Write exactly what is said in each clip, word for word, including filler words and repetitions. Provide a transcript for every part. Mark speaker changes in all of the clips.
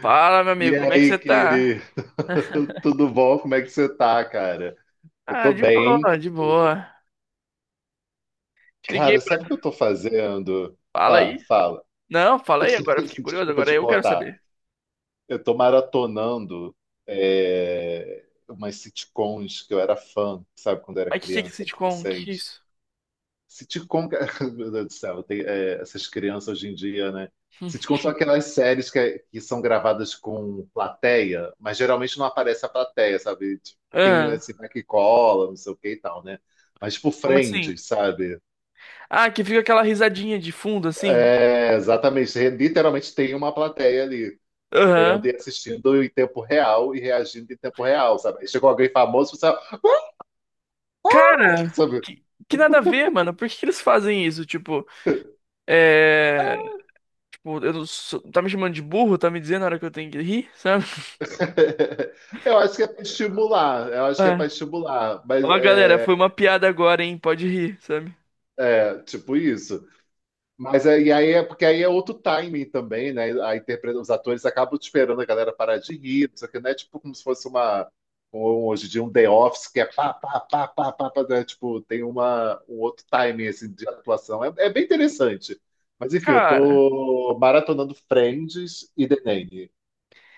Speaker 1: Fala, meu
Speaker 2: E
Speaker 1: amigo, como é que
Speaker 2: aí,
Speaker 1: você tá?
Speaker 2: querido? Tudo bom? Como é que você tá, cara? Eu
Speaker 1: Ah,
Speaker 2: tô
Speaker 1: de
Speaker 2: bem.
Speaker 1: boa, de boa. Te liguei
Speaker 2: Cara, sabe o
Speaker 1: pra...
Speaker 2: que eu tô fazendo?
Speaker 1: Fala
Speaker 2: Ah,
Speaker 1: aí.
Speaker 2: fala.
Speaker 1: Não, fala aí agora, eu fiquei curioso,
Speaker 2: Desculpa
Speaker 1: agora
Speaker 2: te
Speaker 1: eu quero
Speaker 2: cortar.
Speaker 1: saber.
Speaker 2: Eu tô maratonando é, umas sitcoms que eu era fã, sabe, quando eu era
Speaker 1: Mas que que é esse
Speaker 2: criança,
Speaker 1: sitcom? Que
Speaker 2: adolescente.
Speaker 1: isso?
Speaker 2: Sitcom, que- meu Deus do céu, tem, é, essas crianças hoje em dia, né? Sitcom são aquelas séries que, é, que são gravadas com plateia, mas geralmente não aparece a plateia, sabe? Tipo,
Speaker 1: Hum.
Speaker 2: tem
Speaker 1: Ah,
Speaker 2: esse vai que cola, não sei o que e tal, né? Mas tipo
Speaker 1: como assim?
Speaker 2: Friends, sabe?
Speaker 1: Ah, que fica aquela risadinha de fundo, assim?
Speaker 2: É, exatamente. Literalmente tem uma plateia ali, vendo
Speaker 1: Aham.
Speaker 2: e assistindo em tempo real e reagindo em tempo real, sabe? Aí chegou alguém famoso, você
Speaker 1: Cara,
Speaker 2: sabe?
Speaker 1: que, que nada a ver, mano. Por que que eles fazem isso? Tipo, é... Tipo, eu não sou... Tá me chamando de burro? Tá me dizendo na hora que eu tenho que rir, sabe?
Speaker 2: Eu acho que é para estimular, eu acho que é para
Speaker 1: Ah.
Speaker 2: estimular, mas
Speaker 1: Ó, galera, foi
Speaker 2: é,
Speaker 1: uma piada agora, hein? Pode rir, sabe?
Speaker 2: tipo isso. Mas é, e aí é porque aí é outro timing também, né? A interpreta, os atores acabam esperando a galera parar de rir, não sei o que, né? Tipo como se fosse uma um- hoje em dia um The Office que é pá, pá, pá, pá, pá, pá, né? Tipo, tem uma, um outro timing assim, de atuação. É, é bem interessante. Mas enfim, eu
Speaker 1: Cara...
Speaker 2: tô maratonando Friends e The Nanny.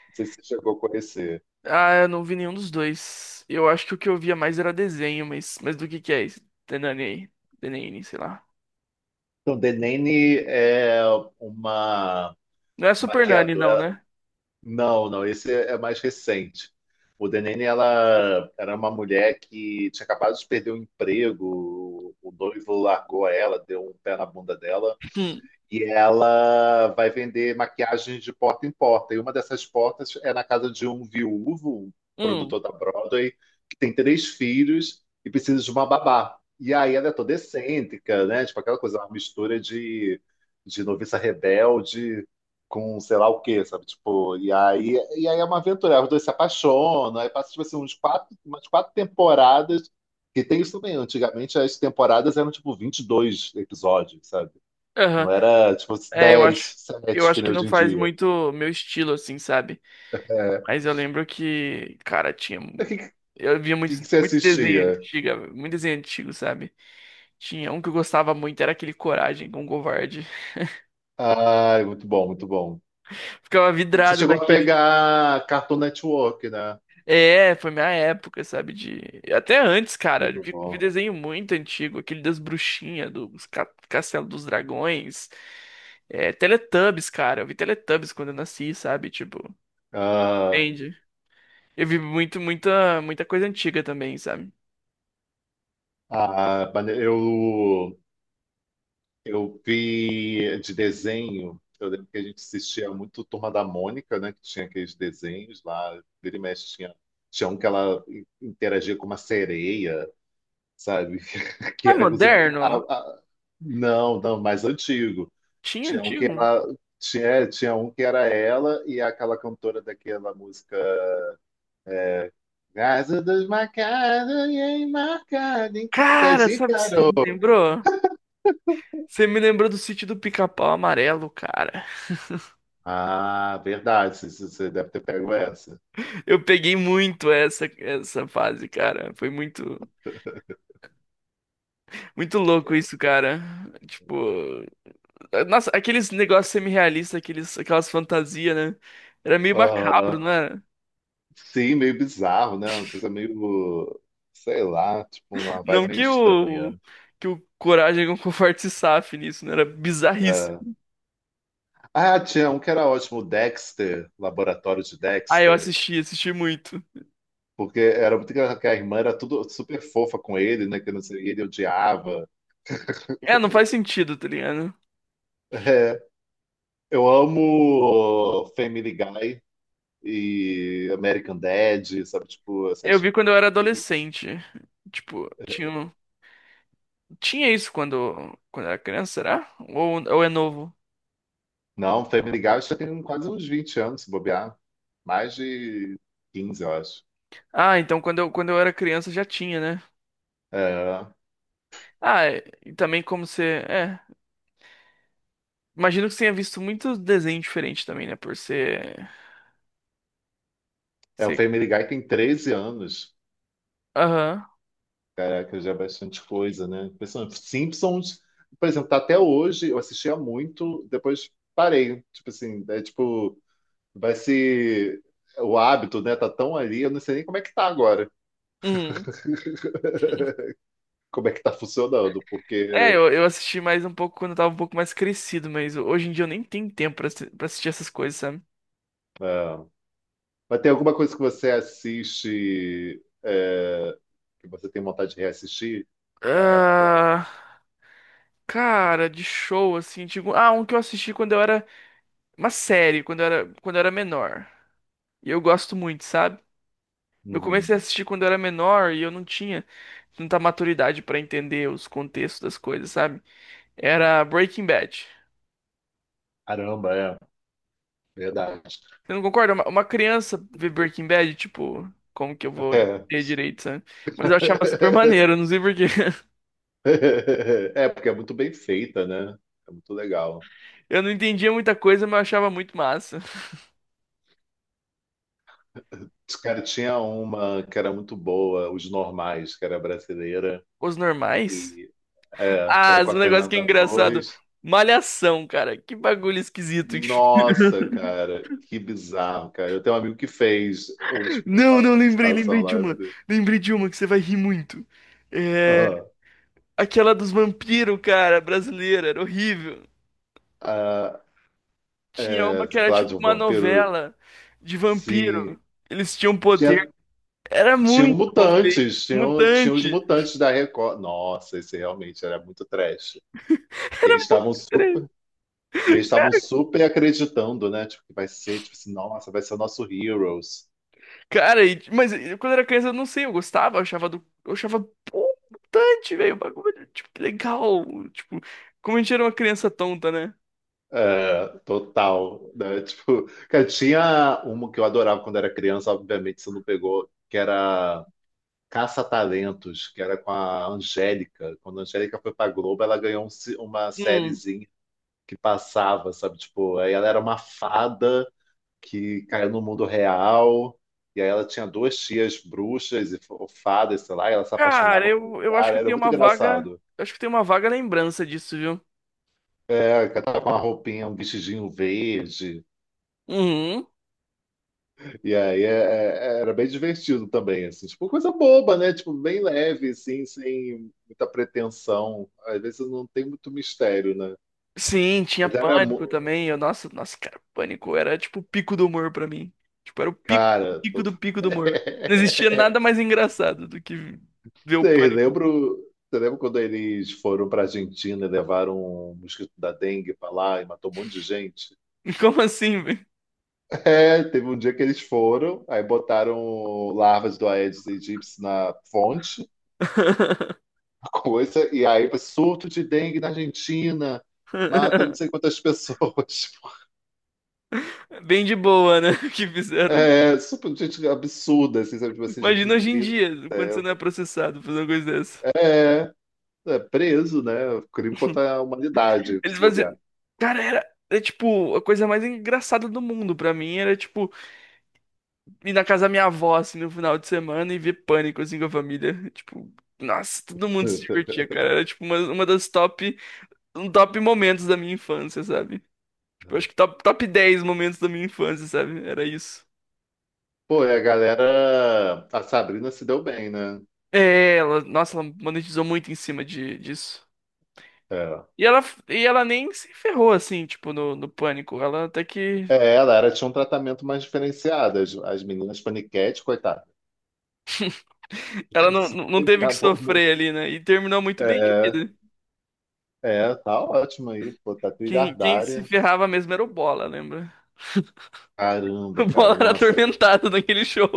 Speaker 2: Não sei se você chegou a conhecer.
Speaker 1: Ah, eu não vi nenhum dos dois. Eu acho que o que eu via mais era desenho, mas, mas do que que é isso? Tenani aí. Tenani, sei lá.
Speaker 2: Então, The Nanny é uma
Speaker 1: Não é Super Nani, não,
Speaker 2: maquiadora.
Speaker 1: né?
Speaker 2: Não, não, esse é é mais recente. O Denene, ela era uma mulher que tinha acabado de perder o emprego, o noivo largou ela, deu um pé na bunda dela
Speaker 1: Hum,
Speaker 2: e ela vai vender maquiagem de porta em porta. E uma dessas portas é na casa de um viúvo, um
Speaker 1: hum,
Speaker 2: produtor da Broadway, que tem três filhos e precisa de uma babá. E aí ela é toda excêntrica, né? Tipo aquela coisa, uma mistura de, de noviça rebelde com sei lá o quê, sabe? Tipo, e aí, e aí é uma aventura. Os dois se apaixonam, aí passa tipo assim, uns quatro, umas quatro temporadas. Que tem isso também. Antigamente as temporadas eram tipo vinte e dois episódios, sabe? Não
Speaker 1: aham.
Speaker 2: era tipo
Speaker 1: É, eu
Speaker 2: dez,
Speaker 1: acho, eu
Speaker 2: sete,
Speaker 1: acho
Speaker 2: que nem
Speaker 1: que não
Speaker 2: hoje em
Speaker 1: faz
Speaker 2: dia.
Speaker 1: muito meu estilo, assim, sabe?
Speaker 2: É.
Speaker 1: Mas eu lembro que, cara, tinha...
Speaker 2: O
Speaker 1: mu-
Speaker 2: que,
Speaker 1: Eu via muito,
Speaker 2: que, que você
Speaker 1: muito desenho
Speaker 2: assistia?
Speaker 1: antigo, muito desenho antigo, sabe? Tinha um que eu gostava muito, era aquele Coragem com o Covarde.
Speaker 2: Ai, muito bom, muito bom.
Speaker 1: Ficava
Speaker 2: Você
Speaker 1: vidrado.
Speaker 2: chegou a pegar Cartoon Network, né?
Speaker 1: É, foi minha época, sabe? De. Até antes, cara,
Speaker 2: Muito
Speaker 1: de, de
Speaker 2: bom.
Speaker 1: desenho muito antigo, aquele das bruxinhas, dos ca- Castelo dos Dragões. É, Teletubbies, cara. Eu vi Teletubbies quando eu nasci, sabe? Tipo,
Speaker 2: Ah,
Speaker 1: entende? Eu vi muito, muita, muita coisa antiga também, sabe?
Speaker 2: ah, mane- eu, eu vi de desenho. Eu lembro que a gente assistia muito Turma da Mônica, né? Que tinha aqueles desenhos lá. Vira e mexe tinha, tinha um que ela interagia com uma sereia, sabe? Que
Speaker 1: Mas
Speaker 2: era inclusive aquela- a-
Speaker 1: moderno?
Speaker 2: a- não, não, mais antigo.
Speaker 1: Tinha
Speaker 2: Tinha um que
Speaker 1: antigo?
Speaker 2: ela tinha, tinha um que era ela e aquela cantora daquela música Casa desmarcada e enmarcada em cartas
Speaker 1: Cara,
Speaker 2: de
Speaker 1: sabe o que você
Speaker 2: carol.
Speaker 1: me lembrou? Você me lembrou do sítio do Pica-Pau Amarelo, cara.
Speaker 2: Ah, verdade, você você deve ter pego essa.
Speaker 1: Eu peguei muito essa, essa fase, cara. Foi muito. Muito louco isso, cara. Tipo, nossa, aqueles negócios semi-realistas, aqueles, aquelas fantasias, né? Era meio macabro, não
Speaker 2: Aham.
Speaker 1: era?
Speaker 2: Sim, meio bizarro, né? Uma coisa meio, sei lá, tipo uma vibe
Speaker 1: Não
Speaker 2: meio
Speaker 1: que
Speaker 2: estranha.
Speaker 1: o Que o Coragem com o Forte se safe nisso, né? Era
Speaker 2: Ah,
Speaker 1: bizarríssimo.
Speaker 2: ah, tinha um que era ótimo, Dexter, Laboratório de
Speaker 1: Ah, eu
Speaker 2: Dexter.
Speaker 1: assisti, assisti muito.
Speaker 2: Porque era muito engraçado que a irmã era tudo super fofa com ele, né? Que não sei, ele odiava.
Speaker 1: É, não faz sentido, tá ligado?
Speaker 2: É, eu amo Family Guy e American Dad, sabe? Tipo,
Speaker 1: Eu
Speaker 2: essas...
Speaker 1: vi quando eu era adolescente. Tipo, tinha, um- tinha isso quando, quando eu era criança, será? Ou, ou é novo?
Speaker 2: Não, Family Guy acho que tem quase uns vinte anos, se bobear. Mais de quinze eu acho.
Speaker 1: Ah, então quando eu, quando eu era criança já tinha, né?
Speaker 2: É,
Speaker 1: Ah, é- e também como você. É. Imagino que você tenha visto muitos desenhos diferentes também, né? Por ser.
Speaker 2: é o
Speaker 1: Ser...
Speaker 2: Family Guy tem treze anos.
Speaker 1: Aham.
Speaker 2: Caraca, já é bastante coisa, né? Impressionante. Simpsons, por exemplo, tá até hoje, eu assistia muito, depois parei. Tipo assim, é tipo. Vai ser o hábito, né? Tá tão ali, eu não sei nem como é que tá agora,
Speaker 1: Uhum.
Speaker 2: como é que tá funcionando,
Speaker 1: É,
Speaker 2: porque
Speaker 1: eu, eu assisti mais um pouco quando eu tava um pouco mais crescido, mas hoje em dia eu nem tenho tempo pra, assi- pra assistir essas coisas, sabe?
Speaker 2: é, mas tem alguma coisa que você assiste é, que você tem vontade de reassistir da época?
Speaker 1: Ah, cara, de show, assim, tipo. Ah, um que eu assisti quando eu era. Uma série, quando eu era, quando eu era menor. E eu gosto muito, sabe? Eu
Speaker 2: Uhum.
Speaker 1: comecei a assistir quando eu era menor e eu não tinha tanta maturidade pra entender os contextos das coisas, sabe? Era Breaking Bad.
Speaker 2: Caramba, é verdade.
Speaker 1: Você não concorda? Uma, uma criança ver Breaking Bad, tipo, como que eu vou
Speaker 2: É.
Speaker 1: entender direito, sabe? Mas eu achava super maneiro, não sei por quê.
Speaker 2: É, porque é muito bem feita, né? É muito legal.
Speaker 1: Eu não entendia muita coisa, mas eu achava muito massa.
Speaker 2: Cara, tinha uma que era muito boa, Os Normais, que era brasileira,
Speaker 1: Os normais?
Speaker 2: e é, que
Speaker 1: Ah,
Speaker 2: era com
Speaker 1: esse
Speaker 2: a
Speaker 1: negócio que é
Speaker 2: Fernanda
Speaker 1: engraçado.
Speaker 2: Torres.
Speaker 1: Malhação, cara. Que bagulho esquisito.
Speaker 2: Nossa, cara, que bizarro, cara. Eu tenho um amigo que fez os-
Speaker 1: Não,
Speaker 2: uma
Speaker 1: não, lembrei,
Speaker 2: participação
Speaker 1: lembrei
Speaker 2: lá.
Speaker 1: de
Speaker 2: Eu
Speaker 1: uma.
Speaker 2: falei,
Speaker 1: Lembrei de uma que você vai rir muito. É...
Speaker 2: "Ah,
Speaker 1: Aquela dos vampiros, cara, brasileira. Era horrível.
Speaker 2: ah,
Speaker 1: Tinha uma
Speaker 2: é,
Speaker 1: que era
Speaker 2: claro,
Speaker 1: tipo
Speaker 2: de um
Speaker 1: uma
Speaker 2: vampiro,
Speaker 1: novela de
Speaker 2: sim.
Speaker 1: vampiro. Eles tinham poder.
Speaker 2: Tinha,
Speaker 1: Era
Speaker 2: tinha
Speaker 1: muito mal feito,
Speaker 2: mutantes, tinham tinha os
Speaker 1: mutante.
Speaker 2: mutantes da Record. Nossa, esse realmente era muito trash. E eles estavam su-
Speaker 1: Era-
Speaker 2: e eles estavam super acreditando, né? Tipo, que vai ser, tipo assim, nossa, vai ser o nosso Heroes.
Speaker 1: Cara, e- mas eu, quando era criança, eu não sei, eu gostava, eu achava do. Eu achava, pô, mutante, velho. O bagulho, tipo, legal. Tipo, como a gente era uma criança tonta, né?
Speaker 2: É, total, né? Tipo, cara, tinha uma que eu adorava quando era criança, obviamente você não pegou, que era Caça-Talentos, que era com a Angélica. Quando a Angélica foi pra Globo, ela ganhou um se- uma
Speaker 1: Hum.
Speaker 2: sériezinha que passava, sabe? Tipo, aí ela era uma fada que caiu no mundo real, e aí ela tinha duas tias bruxas e fo- fadas, sei lá, e ela se
Speaker 1: Cara,
Speaker 2: apaixonava por um
Speaker 1: eu, eu acho
Speaker 2: cara,
Speaker 1: que eu
Speaker 2: era
Speaker 1: tenho
Speaker 2: muito
Speaker 1: uma vaga.
Speaker 2: engraçado.
Speaker 1: Eu acho que eu tenho uma vaga lembrança disso, viu?
Speaker 2: É, que ela tava com uma roupinha, um vestidinho verde.
Speaker 1: Uhum.
Speaker 2: E aí é- é- era bem divertido também, assim, tipo, coisa boba, né? Tipo, bem leve, assim, sem muita pretensão. Às vezes não tem muito mistério, né?
Speaker 1: Sim, tinha
Speaker 2: Mas era, mu-
Speaker 1: pânico também. Eu, nossa, nossa, cara, pânico era tipo o pico do humor pra mim. Tipo, era o pico,
Speaker 2: cara,
Speaker 1: pico
Speaker 2: total.
Speaker 1: do pico do humor. Não existia nada mais engraçado do que ver o
Speaker 2: Vocês
Speaker 1: pânico.
Speaker 2: lembram, você lembra quando eles foram pra Argentina e levaram um mosquito da dengue pra lá e matou um monte de gente?
Speaker 1: Como assim, velho?
Speaker 2: É, teve um dia que eles foram, aí botaram larvas do Aedes aegypti na fonte. Coisa, e aí surto de dengue na Argentina, mata não sei quantas pessoas.
Speaker 1: Bem de boa, né? Que fizeram.
Speaker 2: É, super, gente absurda, assim, sabe? Tipo assim, gente,
Speaker 1: Imagina
Speaker 2: meu
Speaker 1: hoje em
Speaker 2: Deus.
Speaker 1: dia, quando você não é processado por uma coisa dessa.
Speaker 2: É, é preso, né? Crime contra a humanidade,
Speaker 1: Eles
Speaker 2: se bobear.
Speaker 1: faziam. Cara, era. É tipo, a coisa mais engraçada do mundo pra mim era, tipo, ir na casa da minha avó, assim, no final de semana e ver pânico, assim, com a família. Tipo, nossa, todo mundo se divertia, cara. Era, tipo, uma, uma das top. Um top momentos da minha infância, sabe? Tipo, acho que top, top dez momentos da minha infância, sabe? Era isso.
Speaker 2: Pô, e a galera, a Sabrina se deu bem, né?
Speaker 1: É, ela, nossa, ela monetizou muito em cima de, disso.
Speaker 2: É.
Speaker 1: E ela, e ela nem se ferrou, assim, tipo, no, no pânico. Ela até que.
Speaker 2: É, ela era, tinha um tratamento mais diferenciado. As, as meninas paniquete, coitadas,
Speaker 1: Ela não,
Speaker 2: se
Speaker 1: não não teve que
Speaker 2: pegavam muito.
Speaker 1: sofrer ali, né? E terminou muito bem de
Speaker 2: É,
Speaker 1: vida.
Speaker 2: é, tá ótimo aí, pô, tá
Speaker 1: Quem, quem se
Speaker 2: trilhardária.
Speaker 1: ferrava mesmo era o Bola, lembra?
Speaker 2: Caramba,
Speaker 1: O
Speaker 2: cara,
Speaker 1: Bola era
Speaker 2: nossa,
Speaker 1: atormentado naquele show.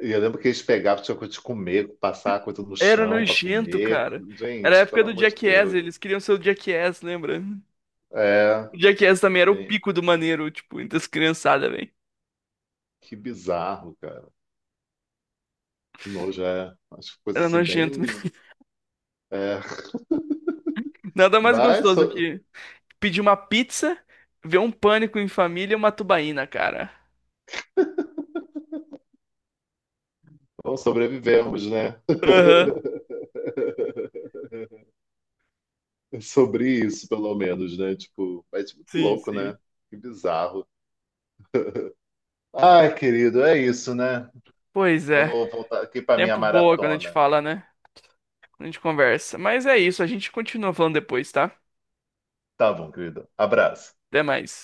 Speaker 2: e eu lembro que eles pegavam, tinha coisa de comer, passar a coisa no
Speaker 1: Era
Speaker 2: chão para
Speaker 1: nojento,
Speaker 2: comer.
Speaker 1: cara. Era a
Speaker 2: Gente,
Speaker 1: época
Speaker 2: pelo
Speaker 1: do
Speaker 2: amor de
Speaker 1: Jackass,
Speaker 2: Deus.
Speaker 1: eles queriam ser o Jackass, lembra?
Speaker 2: É,
Speaker 1: O Jackass também era o
Speaker 2: gente,
Speaker 1: pico do maneiro, tipo, entre as criançadas, velho.
Speaker 2: que bizarro, cara. Que nojo é. Acho que coisa
Speaker 1: Era
Speaker 2: assim
Speaker 1: nojento
Speaker 2: bem.
Speaker 1: mesmo.
Speaker 2: É.
Speaker 1: Nada mais
Speaker 2: Mas
Speaker 1: gostoso
Speaker 2: so-
Speaker 1: que pedir uma pizza, ver um Pânico em Família e uma tubaína, cara.
Speaker 2: bom, sobrevivemos, né?
Speaker 1: Aham,
Speaker 2: Sobre isso, pelo menos, né? Tipo, mas tipo, muito
Speaker 1: sim,
Speaker 2: louco,
Speaker 1: sim.
Speaker 2: né? Que bizarro. Ai, querido, é isso, né?
Speaker 1: Pois é,
Speaker 2: Vou voltar aqui para minha
Speaker 1: tempo boa quando a gente
Speaker 2: maratona.
Speaker 1: fala, né? Quando a gente conversa. Mas é isso, a gente continua falando depois, tá?
Speaker 2: Tá bom, querido. Abraço.
Speaker 1: Até mais.